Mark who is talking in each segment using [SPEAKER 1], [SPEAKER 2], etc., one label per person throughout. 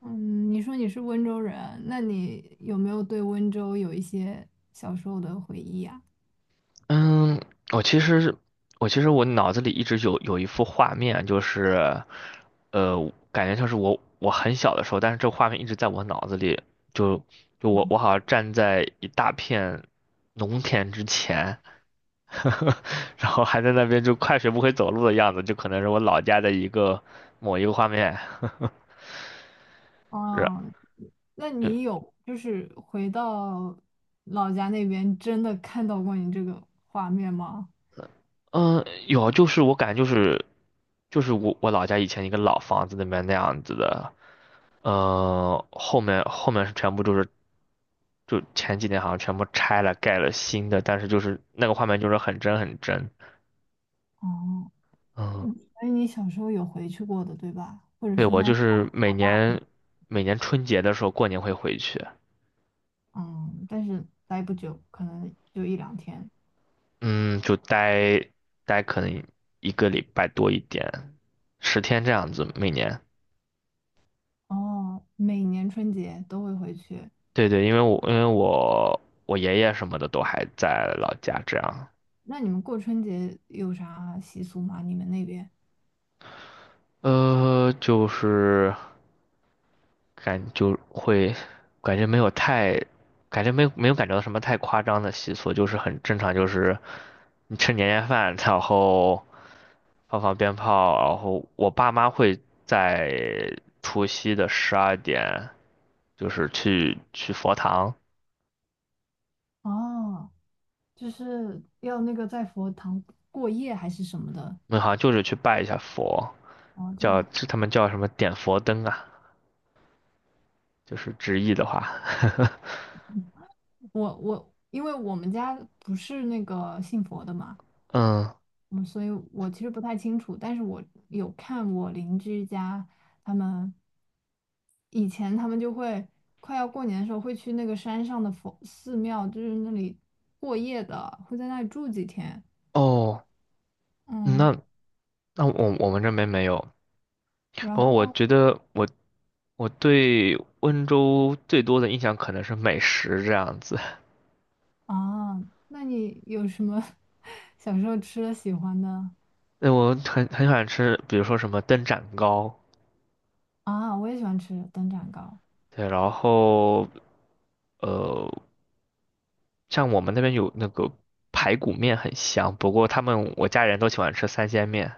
[SPEAKER 1] 嗯，你说你是温州人，那你有没有对温州有一些小时候的回忆啊？
[SPEAKER 2] 嗯，我其实我其实我脑子里一直有一幅画面，就是，感觉像是我很小的时候，但是这画面一直在我脑子里，就就我我好像站在一大片农田之前，然后还在那边就快学不会走路的样子，就可能是我老家的一个某一个画面，是。
[SPEAKER 1] 哦，那
[SPEAKER 2] 呃
[SPEAKER 1] 你有就是回到老家那边真的看到过你这个画面吗？
[SPEAKER 2] 嗯，有，就是我感觉就是我老家以前一个老房子里面那样子的，嗯，后面是全部就是就前几年好像全部拆了盖了新的，但是就是那个画面就是很真很真。
[SPEAKER 1] 哦，
[SPEAKER 2] 嗯，
[SPEAKER 1] 嗯，所以你小时候有回去过的，对吧？或者说
[SPEAKER 2] 对，
[SPEAKER 1] 现
[SPEAKER 2] 我
[SPEAKER 1] 在
[SPEAKER 2] 就
[SPEAKER 1] 长
[SPEAKER 2] 是每
[SPEAKER 1] 大了，
[SPEAKER 2] 年每年春节的时候过年会回去，
[SPEAKER 1] 嗯，但是待不久，可能就一两天。
[SPEAKER 2] 嗯，就待可能一个礼拜多一点，10天这样子每年。
[SPEAKER 1] 哦，每年春节都会回去。
[SPEAKER 2] 对对，因为我我爷爷什么的都还在老家，这样，
[SPEAKER 1] 那你们过春节有啥习俗吗？你们那边？
[SPEAKER 2] 就是感就会感觉没有太，感觉没有感觉到什么太夸张的习俗，就是很正常，就是你吃年夜饭，然后放鞭炮，然后我爸妈会在除夕的12点，就是去佛堂，
[SPEAKER 1] 哦，就是要那个在佛堂过夜还是什么的。
[SPEAKER 2] 那好像就是去拜一下佛，
[SPEAKER 1] 哦，这
[SPEAKER 2] 叫
[SPEAKER 1] 样，
[SPEAKER 2] 他们叫什么点佛灯啊。就是直译的话，
[SPEAKER 1] 我因为我们家不是那个信佛的嘛，
[SPEAKER 2] 嗯，
[SPEAKER 1] 嗯，所以我其实不太清楚，但是我有看我邻居家他们以前就会快要过年的时候会去那个山上的佛寺庙，就是那里过夜的，会在那里住几天，
[SPEAKER 2] 哦，
[SPEAKER 1] 嗯，
[SPEAKER 2] 那那我我们这边没有。
[SPEAKER 1] 然
[SPEAKER 2] 不过我
[SPEAKER 1] 后
[SPEAKER 2] 觉得我对温州最多的印象可能是美食这样子。
[SPEAKER 1] 啊，那你有什么 小时候吃的喜欢的
[SPEAKER 2] 那我很喜欢吃，比如说什么灯盏糕，
[SPEAKER 1] 啊，我也喜欢吃灯盏糕。
[SPEAKER 2] 对，然后呃，像我们那边有那个排骨面很香，不过他们我家人都喜欢吃三鲜面。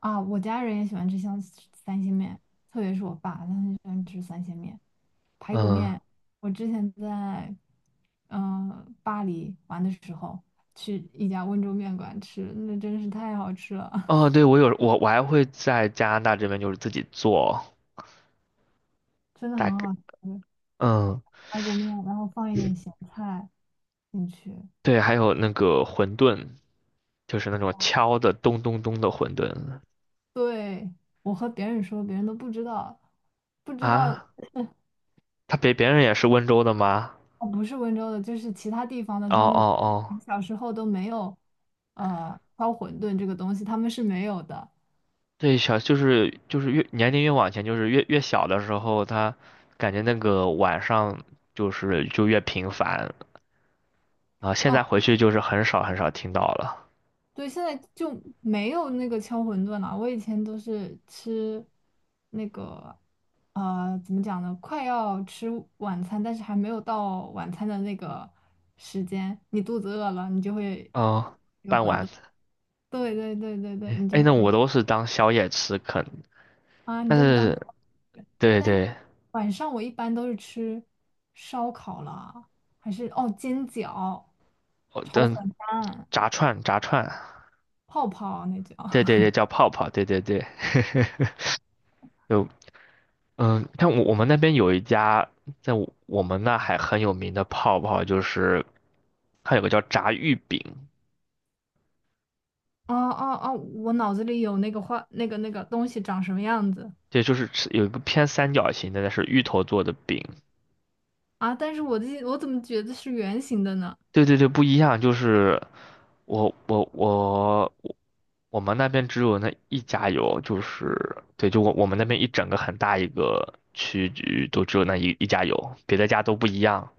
[SPEAKER 1] 啊，我家人也喜欢吃像三鲜面，特别是我爸，他很喜欢吃三鲜面、排骨
[SPEAKER 2] 嗯，
[SPEAKER 1] 面。我之前在巴黎玩的时候，去一家温州面馆吃，那真是太好吃了，
[SPEAKER 2] 哦，对，我有我我还会在加拿大这边就是自己做，
[SPEAKER 1] 真的很
[SPEAKER 2] 大概
[SPEAKER 1] 好吃。
[SPEAKER 2] 嗯。
[SPEAKER 1] 排骨面，然后放一点咸菜进去。
[SPEAKER 2] 对，还有那个馄饨，就是那种敲的咚咚咚的馄饨
[SPEAKER 1] 对，我和别人说，别人都不知道，不知道
[SPEAKER 2] 啊。他别人也是温州的吗？
[SPEAKER 1] 哦，不是温州的，就是其他地方的，
[SPEAKER 2] 哦
[SPEAKER 1] 他
[SPEAKER 2] 哦
[SPEAKER 1] 们
[SPEAKER 2] 哦，
[SPEAKER 1] 小时候都没有，敲馄饨这个东西，他们是没有的。
[SPEAKER 2] 对，小就是就是越年龄越往前，就是越小的时候，他感觉那个晚上就是就越频繁啊。现
[SPEAKER 1] 哦，
[SPEAKER 2] 在回去就是很少很少听到了。
[SPEAKER 1] 对，现在就没有那个敲馄饨了。我以前都是吃那个，呃，怎么讲呢？快要吃晚餐，但是还没有到晚餐的那个时间，你肚子饿了，你就会，
[SPEAKER 2] 哦，傍晚，
[SPEAKER 1] 对对对对对，你就
[SPEAKER 2] 哎，那我
[SPEAKER 1] 会。
[SPEAKER 2] 都是当宵夜吃啃，
[SPEAKER 1] 啊，你
[SPEAKER 2] 但
[SPEAKER 1] 都是当，
[SPEAKER 2] 是对
[SPEAKER 1] 但是
[SPEAKER 2] 对，
[SPEAKER 1] 晚上我一般都是吃烧烤啦，还是哦煎饺、
[SPEAKER 2] 哦，
[SPEAKER 1] 炒
[SPEAKER 2] 嗯，
[SPEAKER 1] 粉饭、
[SPEAKER 2] 炸串炸串。
[SPEAKER 1] 泡泡那叫。
[SPEAKER 2] 对对 对，叫泡泡，对对对，就嗯，像我们那边有一家在我们那还很有名的泡泡，就是它有个叫炸芋饼，
[SPEAKER 1] 哦哦哦，我脑子里有那个画那个那个东西长什么样子。
[SPEAKER 2] 对，就是吃有一个偏三角形的，那是芋头做的饼，
[SPEAKER 1] 啊，但是我怎么觉得是圆形的呢？
[SPEAKER 2] 对对对，不一样，就是我我们那边只有那一家有，就是对，就我们那边一整个很大一个区域都只有那一家有，别的家都不一样，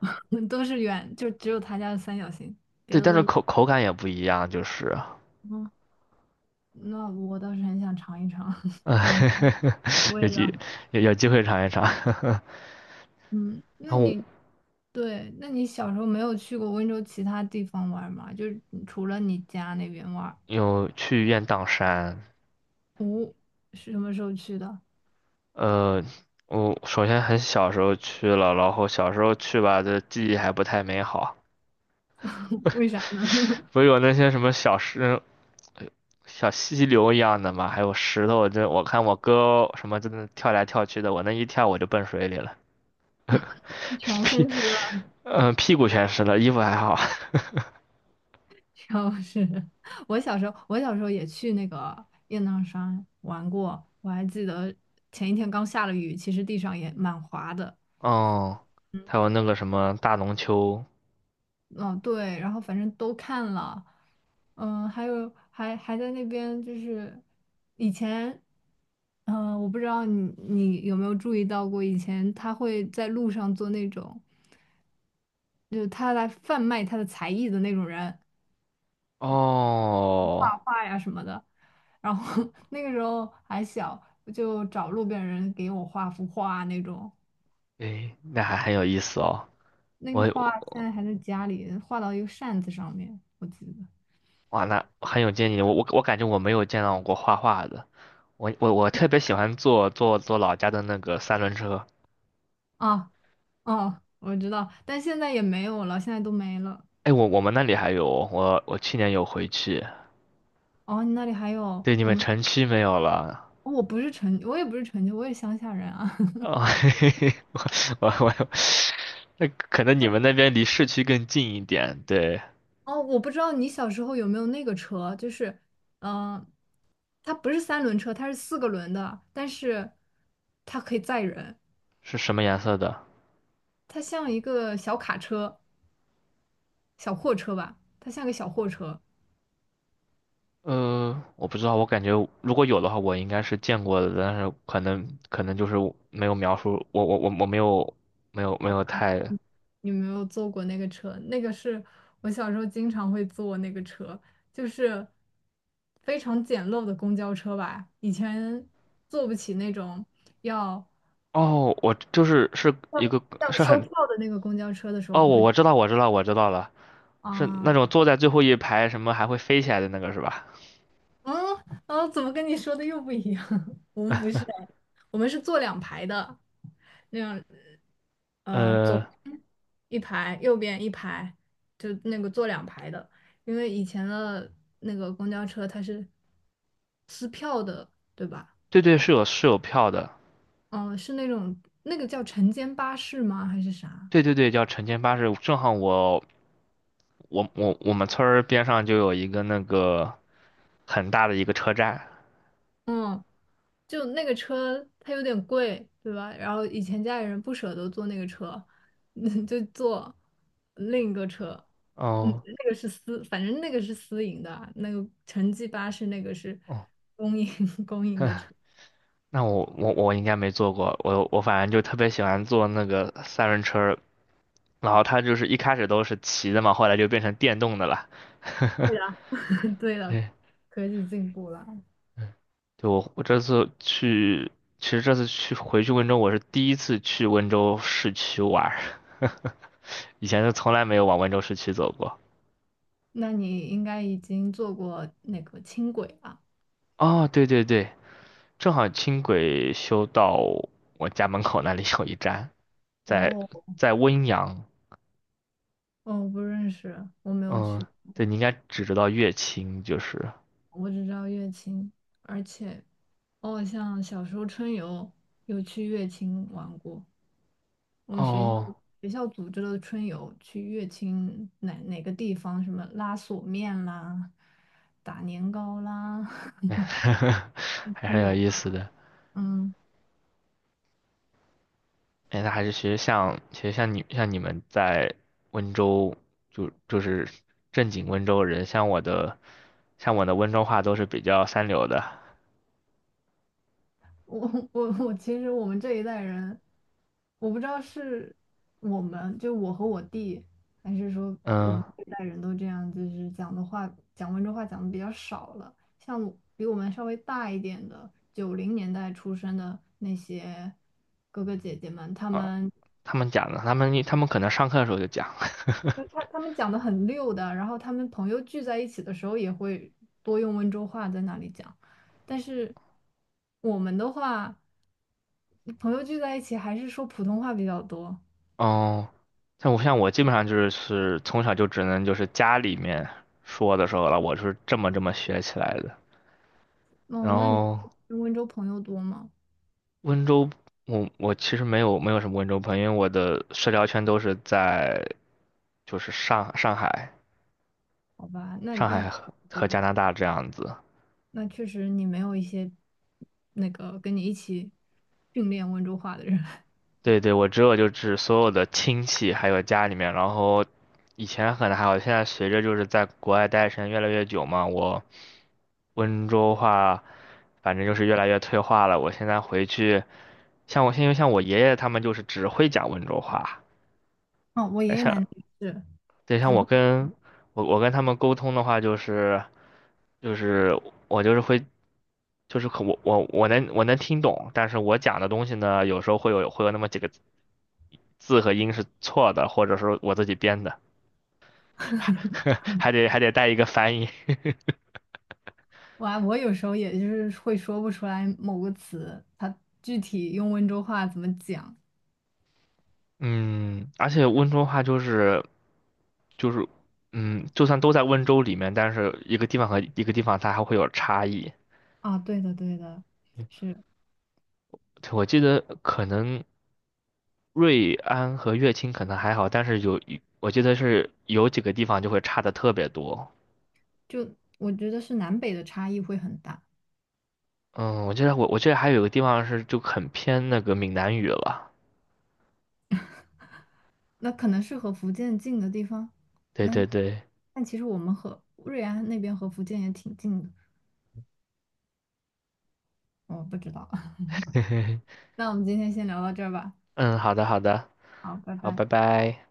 [SPEAKER 1] 都是圆，就只有他家的三角形，别
[SPEAKER 2] 对，
[SPEAKER 1] 的
[SPEAKER 2] 但
[SPEAKER 1] 都
[SPEAKER 2] 是
[SPEAKER 1] 是。
[SPEAKER 2] 口感也不一样，就是。
[SPEAKER 1] 嗯，那我倒是很想尝一尝
[SPEAKER 2] 啊，
[SPEAKER 1] 他们尝 口
[SPEAKER 2] 有
[SPEAKER 1] 味
[SPEAKER 2] 机
[SPEAKER 1] 的。
[SPEAKER 2] 有机会尝一尝。
[SPEAKER 1] 嗯，那
[SPEAKER 2] 然后
[SPEAKER 1] 你？对，那你小时候没有去过温州其他地方玩吗？就是除了你家那边玩，
[SPEAKER 2] 有去雁荡山，
[SPEAKER 1] 哦，是什么时候去的？
[SPEAKER 2] 呃，我首先很小时候去了，然后小时候去吧，这记忆还不太美好，
[SPEAKER 1] 为啥？
[SPEAKER 2] 不是有那些什么小石、小溪流一样的嘛，还有石头，这我看我哥什么真的跳来跳去的，我那一跳我就奔水里了，
[SPEAKER 1] 全
[SPEAKER 2] 屁，
[SPEAKER 1] 信息了。
[SPEAKER 2] 嗯、屁股全湿了，衣服还好，
[SPEAKER 1] 就是 我小时候，我小时候也去那个雁荡山玩过，我还记得前一天刚下了雨，其实地上也蛮滑的，
[SPEAKER 2] 哦，还有那个什么大龙湫。
[SPEAKER 1] 嗯、对，然后反正都看了，嗯，还有还还在那边就是以前，嗯，我不知道你有没有注意到过，以前他会在路上做那种，就是他来贩卖他的才艺的那种人
[SPEAKER 2] 哦。
[SPEAKER 1] 好的，然后 那个时候还小，我就找路边人给我画幅画那种，
[SPEAKER 2] 诶，那还很有意思哦。
[SPEAKER 1] 那个
[SPEAKER 2] 我
[SPEAKER 1] 画现在还在家里画到一个扇子上面，我记得
[SPEAKER 2] 哇，那很有见议。我感觉我没有见到过画画的。我特别喜欢坐老家的那个三轮车。
[SPEAKER 1] 啊。哦，我知道，但现在也没有了，现在都没了。
[SPEAKER 2] 哎，我我们那里还有哦，我去年有回去。
[SPEAKER 1] 哦，你那里还有
[SPEAKER 2] 对，你
[SPEAKER 1] 我
[SPEAKER 2] 们
[SPEAKER 1] 们，
[SPEAKER 2] 城区没有了。
[SPEAKER 1] 哦我不是城，我也不是城都，我也乡下人啊。
[SPEAKER 2] 哦，嘿嘿嘿，我我我，那可能你们那边离市区更近一点。对，
[SPEAKER 1] 哦，我不知道你小时候有没有那个车，就是，嗯、呃它不是三轮车，它是四个轮的，但是它可以载人，
[SPEAKER 2] 是什么颜色的？
[SPEAKER 1] 它像一个小卡车、小货车吧，它像个小货车。
[SPEAKER 2] 我不知道，我感觉如果有的话，我应该是见过的，但是可能就是没有描述，我没有没有没
[SPEAKER 1] 好
[SPEAKER 2] 有
[SPEAKER 1] 吧，
[SPEAKER 2] 太
[SPEAKER 1] 你没有坐过那个车？那个是我小时候经常会坐那个车，就是非常简陋的公交车吧，以前坐不起那种要。
[SPEAKER 2] 哦，我就是是一个
[SPEAKER 1] 像
[SPEAKER 2] 是
[SPEAKER 1] 收
[SPEAKER 2] 很
[SPEAKER 1] 票的那个公交车的时候，我
[SPEAKER 2] 哦，
[SPEAKER 1] 们
[SPEAKER 2] 我
[SPEAKER 1] 会
[SPEAKER 2] 我知道我知道了，是那
[SPEAKER 1] 啊，
[SPEAKER 2] 种坐在最后一排什么还会飞起来的那个是吧？
[SPEAKER 1] 嗯啊，怎么跟你说的又不一样？我们不是哎，我们是坐两排的，那样左
[SPEAKER 2] 呃，
[SPEAKER 1] 一排，右边一排，就那个坐两排的，因为以前的那个公交车它是撕票的，对吧？
[SPEAKER 2] 对对，是有票的，
[SPEAKER 1] 嗯、是那种那个叫晨间巴士吗？还是啥？
[SPEAKER 2] 对对对，叫晨间巴士，正好我我们村儿边上就有一个那个很大的一个车站，
[SPEAKER 1] 嗯，就那个车它有点贵，对吧？然后以前家里人不舍得坐那个车，嗯，就坐另一个车。嗯，
[SPEAKER 2] 哦
[SPEAKER 1] 那个是私，反正那个是私营的啊那个城际巴士那个是
[SPEAKER 2] 哦。
[SPEAKER 1] 公营 公营的 车。
[SPEAKER 2] 那我应该没坐过，我反正就特别喜欢坐那个三轮车儿然后它就是一开始都是骑的嘛，后来就变成电动的了。
[SPEAKER 1] 对了，
[SPEAKER 2] 对，
[SPEAKER 1] 科技进步了，
[SPEAKER 2] 嗯就我这次去，其实这次去回去温州，我是第一次去温州市区玩儿以前是从来没有往温州市区走过。
[SPEAKER 1] 那你应该已经坐过那个轻轨吧？
[SPEAKER 2] 哦，对对对，正好轻轨修到我家门口那里有一站，在
[SPEAKER 1] 哦，
[SPEAKER 2] 在温阳，
[SPEAKER 1] 嗯，我不认识，我没有
[SPEAKER 2] 嗯，
[SPEAKER 1] 去
[SPEAKER 2] 对，你应该只知道乐清就是。
[SPEAKER 1] 过，我只知道乐清，而且哦，像小时候春游有去乐清玩过，我们学校
[SPEAKER 2] 哦，
[SPEAKER 1] 组织了春游去乐清哪哪个地方，什么拉锁面啦、打年糕啦，
[SPEAKER 2] 还
[SPEAKER 1] 春
[SPEAKER 2] 是有
[SPEAKER 1] 游
[SPEAKER 2] 意
[SPEAKER 1] 吧，
[SPEAKER 2] 思的。
[SPEAKER 1] 嗯。
[SPEAKER 2] 哎，那还是其实像你像你们在温州，就是正经温州人，像我的温州话都是比较三流的。
[SPEAKER 1] 我 我我，其实我们这一代人，我不知道是我们就我和我弟，还是说我
[SPEAKER 2] 嗯
[SPEAKER 1] 们这一代人都这样，就是讲的话，讲温州话讲的比较少了。像我比我们稍微大一点的，90年代出生的那些哥哥姐姐们，他
[SPEAKER 2] 啊，
[SPEAKER 1] 们
[SPEAKER 2] 他们讲的，他们可能上课的时候就讲。
[SPEAKER 1] 就他们讲的很溜的，然后他们朋友聚在一起的时候也会多用温州话在那里讲，但是我们的话。朋友聚在一起还是说普通话比较多。
[SPEAKER 2] 哦，像我基本上就是从小就只能就是家里面说的时候了，我是这么学起来的。然
[SPEAKER 1] 哦，那你
[SPEAKER 2] 后
[SPEAKER 1] 跟温州朋友多吗？
[SPEAKER 2] 温州，我其实没有什么温州朋友，因为我的社交圈都是在就是上海、
[SPEAKER 1] 好吧，那
[SPEAKER 2] 上
[SPEAKER 1] 那
[SPEAKER 2] 海和加
[SPEAKER 1] 嗯，
[SPEAKER 2] 拿大这样子。
[SPEAKER 1] 那确实你没有一些那个跟你一起训练温州话的人。
[SPEAKER 2] 对对，我只有就是所有的亲戚还有家里面，然后以前可能还好，现在随着就是在国外待的时间越来越久嘛，我温州话反正就是越来越退化了。我现在回去，像我爷爷他们就是只会讲温州话，
[SPEAKER 1] 哦，我爷爷奶
[SPEAKER 2] 像
[SPEAKER 1] 奶也是，
[SPEAKER 2] 对像
[SPEAKER 1] 只
[SPEAKER 2] 我
[SPEAKER 1] 会
[SPEAKER 2] 跟我我跟他们沟通的话就是。就是我就是会，就是可我能听懂，但是我讲的东西呢，有时候会有那么几个字和音是错的，或者说我自己编的，还得带一个翻译。
[SPEAKER 1] 我有时候也就是会说不出来某个词，他具体用温州话怎么讲
[SPEAKER 2] 嗯，而且温州话就是，嗯，就算都在温州里面，但是一个地方和一个地方它还会有差异。
[SPEAKER 1] 啊？对的，对的，是，
[SPEAKER 2] 我记得可能瑞安和乐清可能还好，但是有一我记得是有几个地方就会差的特别多。
[SPEAKER 1] 就我觉得是南北的差异会很大。
[SPEAKER 2] 嗯，我记得还有个地方是就很偏那个闽南语了。
[SPEAKER 1] 那可能是和福建近的地方。
[SPEAKER 2] 对
[SPEAKER 1] 那
[SPEAKER 2] 对对，
[SPEAKER 1] 但其实我们和瑞安那边和福建也挺近的，我不知道。那我们今天先聊到这儿吧。
[SPEAKER 2] 嗯，好的好的，
[SPEAKER 1] 好，拜
[SPEAKER 2] 好，
[SPEAKER 1] 拜。
[SPEAKER 2] 拜拜。